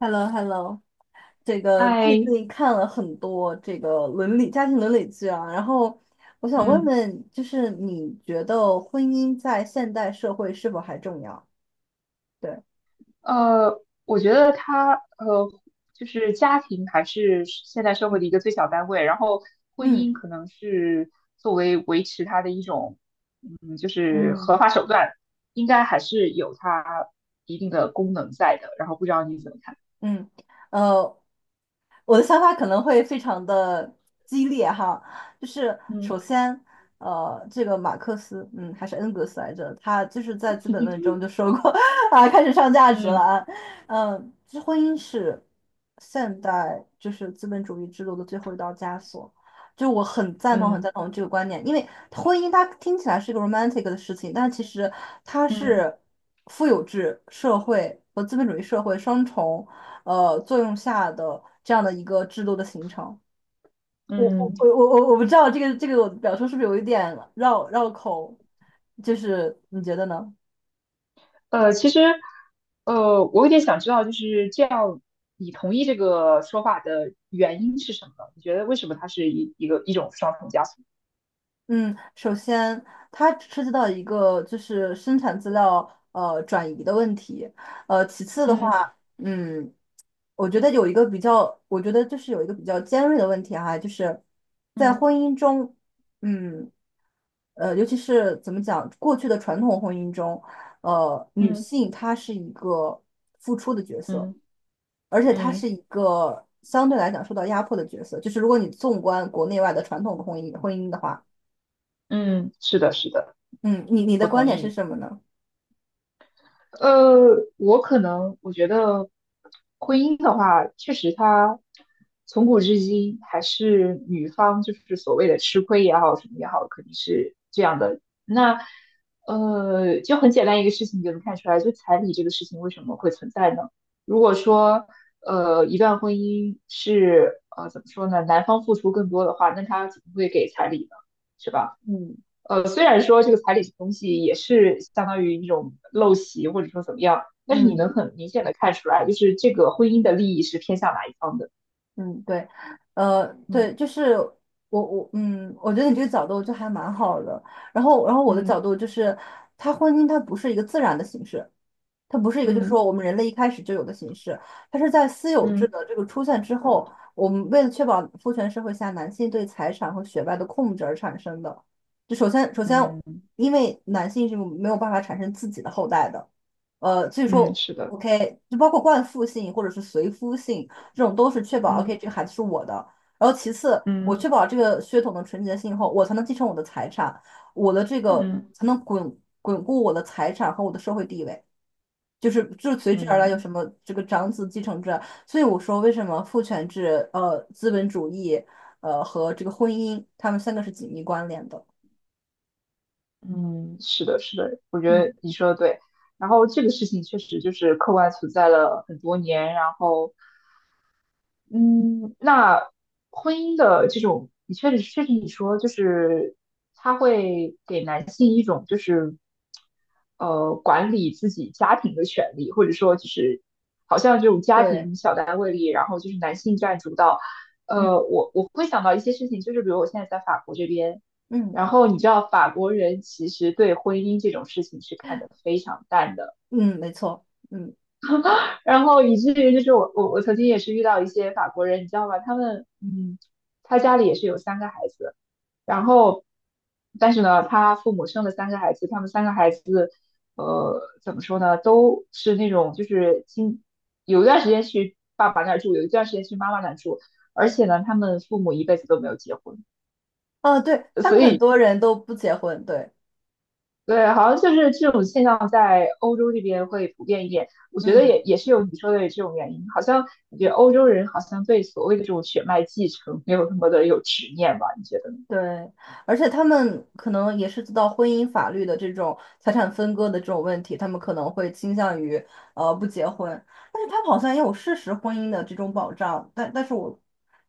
Hello，这个最哎，近看了很多这个伦理家庭伦理剧啊，然后我想问嗯，问，就是你觉得婚姻在现代社会是否还重要？对，我觉得他就是家庭还是现代社会的一个最小单位，然后婚嗯姻可能是作为维持它的一种，就是嗯合法手段，应该还是有它一定的功能在的。然后不知道你怎么看？嗯。呃，我的想法可能会非常的激烈哈。就是嗯首先，这个马克思，还是恩格斯来着，他就是在《资本论》中就说过 啊，开始上价值了嗯啊。这婚姻是现代就是资本主义制度的最后一道枷锁。就我很赞同很嗯赞同这个观念，因为婚姻它听起来是一个 romantic 的事情，但其实它嗯是富有制社会和资本主义社会双重作用下的这样的一个制度的形成。我嗯，我我我不知道这个我的表述是不是有一点绕绕口，就是你觉得呢？其实，我有点想知道，就是这样，你同意这个说法的原因是什么呢你觉得为什么它是一种双重加速？嗯，首先它涉及到一个就是生产资料转移的问题。其次的话，嗯嗯，我觉得有一个比较，我觉得就是有一个比较尖锐的问题哈，就是在嗯婚姻中，嗯。尤其是怎么讲，过去的传统婚姻中，女嗯性她是一个付出的角色，嗯而且她嗯是一个相对来讲受到压迫的角色。就是如果你纵观国内外的传统的婚姻的话，嗯，是的，是的，嗯，你我的观同点是意。什么呢？我可能我觉得婚姻的话，确实它从古至今还是女方就是所谓的吃亏也好，什么也好，肯定是这样的。那就很简单一个事情，你就能看出来，就彩礼这个事情为什么会存在呢？如果说一段婚姻是怎么说呢，男方付出更多的话，那他怎么会给彩礼呢？是吧？嗯虽然说这个彩礼这个东西也是相当于一种陋习，或者说怎么样，但是你能嗯很明显的看出来，就是这个婚姻的利益是偏向哪一方的。嗯，对，嗯对，就是我觉得你这个角度就还蛮好的。然后我的嗯角度就是，它婚姻它不是一个自然的形式。它不是一个，就是说嗯我们人类一开始就有的形式，它是在私有制嗯的这个出现之后，我们为了确保父权社会下男性对财产和血脉的控制而产生的。就首先，嗯因为男性是没有办法产生自己的后代的，所以嗯，说是的，，OK，就包括冠父性或者是随夫性这种，都是确保 嗯 OK 这个孩子是我的。然后其次，我嗯确保这个血统的纯洁性后，我才能继承我的财产，我的这个嗯才能巩固我的财产和我的社会地位。就是就随之而来有嗯什么这个长子继承制啊，所以我说为什么父权制、资本主义、和这个婚姻，他们三个是紧密关联的。嗯，是的，是的，我觉得嗯，你说的对。然后这个事情确实就是客观存在了很多年，然后嗯，那婚姻的这种，你确实你说，就是它会给男性一种就是管理自己家庭的权利，或者说就是好像这种家对，庭小单位里，然后就是男性占主导。嗯我会想到一些事情，就是比如我现在在法国这边，嗯然后你知道法国人其实对婚姻这种事情是看得非常淡的。嗯，没错，嗯然后以至于就是我曾经也是遇到一些法国人，你知道吧，他们他家里也是有三个孩子，然后但是呢，他父母生了三个孩子，他们三个孩子怎么说呢，都是那种就是有一段时间去爸爸那儿住，有一段时间去妈妈那儿住，而且呢，他们父母一辈子都没有结婚，啊，对，他所们很以多人都不结婚，对，对，好像就是这种现象在欧洲这边会普遍一点。我觉得也嗯也是有你说的这种原因，好像我觉得欧洲人好像对所谓的这种血脉继承没有那么的有执念吧？你觉得呢？对，而且他们可能也是知道婚姻法律的这种财产分割的这种问题，他们可能会倾向于不结婚，但是他们好像也有事实婚姻的这种保障，但是我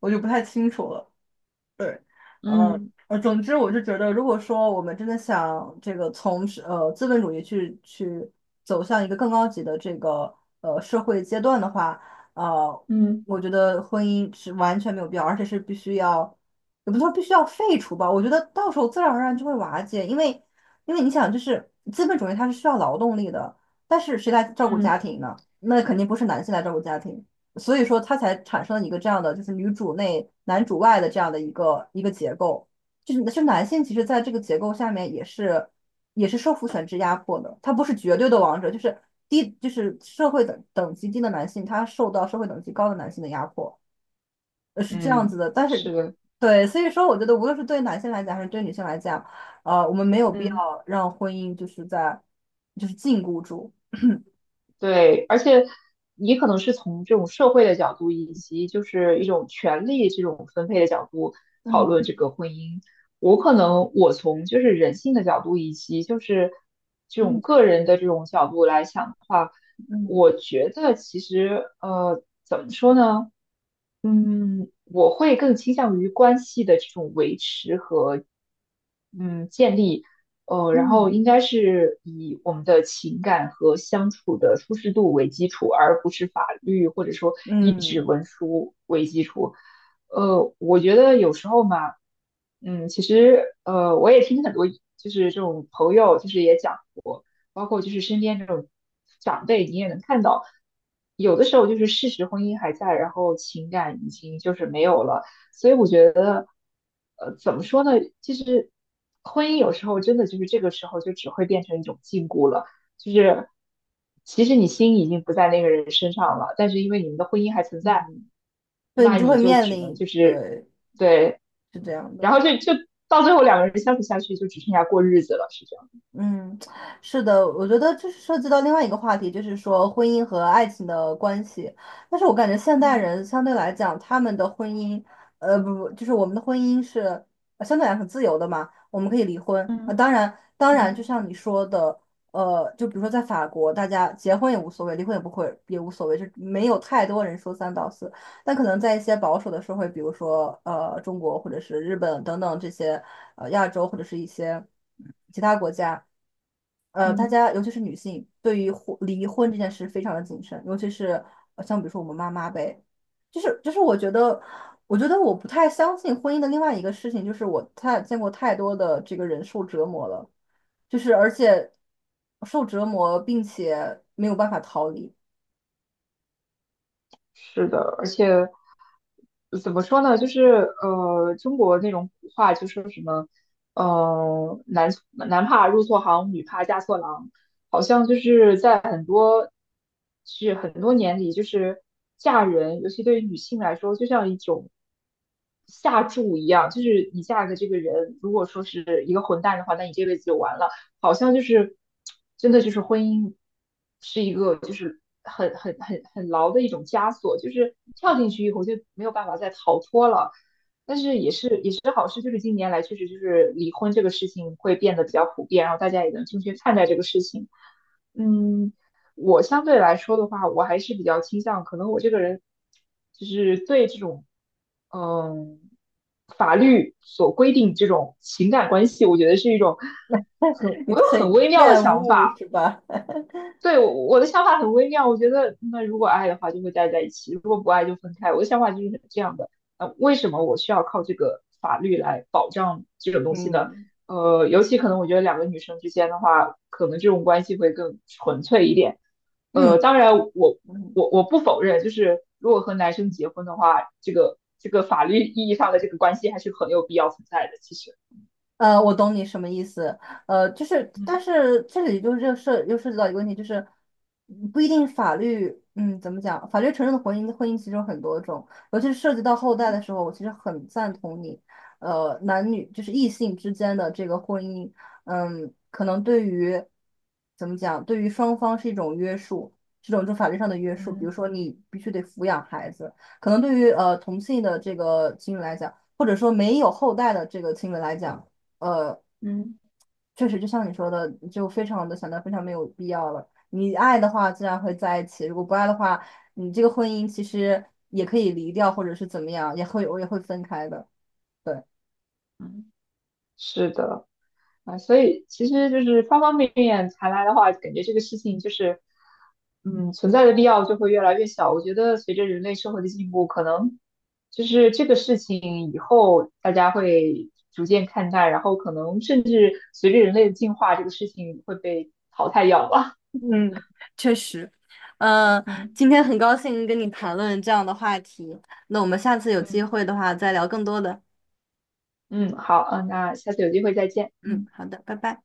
我就不太清楚了。对。呃嗯总之我就觉得，如果说我们真的想这个从是资本主义去走向一个更高级的这个社会阶段的话，呃，嗯我觉得婚姻是完全没有必要，而且是必须要，也不是说必须要废除吧，我觉得到时候自然而然就会瓦解。因为你想，就是资本主义它是需要劳动力的，但是谁来照顾家嗯庭呢？那肯定不是男性来照顾家庭。所以说它才产生了一个这样的，就是女主内男主外的这样的一个结构。就是是男性，其实在这个结构下面也是受父权制压迫的，他不是绝对的王者，就是低就是社会等级低的男性，他受到社会等级高的男性的压迫，是这样嗯，子的。但是是的。对，所以说我觉得无论是对男性来讲还是对女性来讲，我们没有必要嗯。让婚姻就是在就是禁锢住。对，而且你可能是从这种社会的角度，以及就是一种权利这种分配的角度讨嗯论这个婚姻。我可能我从就是人性的角度，以及就是这种嗯个人的这种角度来想的话，嗯我觉得其实怎么说呢？我会更倾向于关系的这种维持和建立，然后嗯应该是以我们的情感和相处的舒适度为基础，而不是法律或者说一纸嗯。文书为基础。我觉得有时候嘛，其实我也听很多就是这种朋友就是也讲过，包括就是身边这种长辈，你也能看到，有的时候就是事实婚姻还在，然后情感已经就是没有了。所以我觉得，怎么说呢？其实婚姻有时候真的就是这个时候就只会变成一种禁锢了，就是其实你心已经不在那个人身上了，但是因为你们的婚姻还存在，嗯。对，那你就你会就面只能临，就是对，对，是这样然的。后就到最后两个人相处下去就只剩下过日子了，是这样。嗯，是的，我觉得这是涉及到另外一个话题，就是说婚姻和爱情的关系。但是我感觉现代嗯人相对来讲，他们的婚姻，不不，就是我们的婚姻是相对来讲很自由的嘛，我们可以离婚啊。嗯当然，当然，嗯就像你说的，就比如说在法国，大家结婚也无所谓，离婚也不会也无所谓，就没有太多人说三道四。但可能在一些保守的社会，比如说中国或者是日本等等这些亚洲或者是一些其他国家，大嗯，家尤其是女性对于离婚这件事非常的谨慎，尤其是像比如说我们妈妈呗。就是我觉得我不太相信婚姻的另外一个事情，就是我太见过太多的这个人受折磨了，就是而且受折磨并且没有办法逃离。是的，而且。怎么说呢？就是中国那种古话就说什么，男怕入错行，女怕嫁错郎，好像就是在很多是很多年里，就是嫁人，尤其对于女性来说，就像一种下注一样，就是你嫁的这个人，如果说是一个混蛋的话，那你这辈子就完了。好像就是真的就是婚姻是一个就是很牢的一种枷锁，就是跳进去以后就没有办法再逃脱了。但是也是好事，就是近年来确实就是离婚这个事情会变得比较普遍，然后大家也能正确看待这个事情。嗯，我相对来说的话，我还是比较倾向，可能我这个人就是对这种，嗯，法律所规定这种情感关系，我觉得是一种你我有很很微妙的厌想恶法。是吧？对，我的想法很微妙，我觉得那如果爱的话就会待在一起，如果不爱就分开。我的想法就是这样的，为什么我需要靠这个法律来保障这种东西呢？嗯。尤其可能我觉得两个女生之间的话，可能这种关系会更纯粹一点。嗯当然我嗯。我我不否认，就是如果和男生结婚的话，这个法律意义上的这个关系还是很有必要存在的。其实，我懂你什么意思。就是，嗯，但是这里就是这涉及到一个问题，就是不一定法律。嗯，怎么讲？法律承认的婚姻，婚姻其实有很多种，尤其是涉及到后代的时候，我其实很赞同你。男女就是异性之间的这个婚姻，可能对于怎么讲，对于双方是一种约束，这种就法律上的约束。比如嗯说，你必须得抚养孩子，可能对于同性的这个情侣来讲，或者说没有后代的这个情侣来讲。呃，嗯确实就像你说的，就非常的想到非常没有必要了。你爱的话，自然会在一起；如果不爱的话，你这个婚姻其实也可以离掉，或者是怎么样，我也会分开的。嗯。是的。啊，所以其实就是方方面面谈来的话，感觉这个事情就是，存在的必要就会越来越小。我觉得随着人类社会的进步，可能就是这个事情以后大家会逐渐看待，然后可能甚至随着人类的进化，这个事情会被淘汰掉吧。嗯，确实。呃，嗯今天很高兴跟你谈论这样的话题，那我们下次有机嗯会的话再聊更多的。嗯，好，嗯，那下次有机会再见。嗯，嗯。好的，拜拜。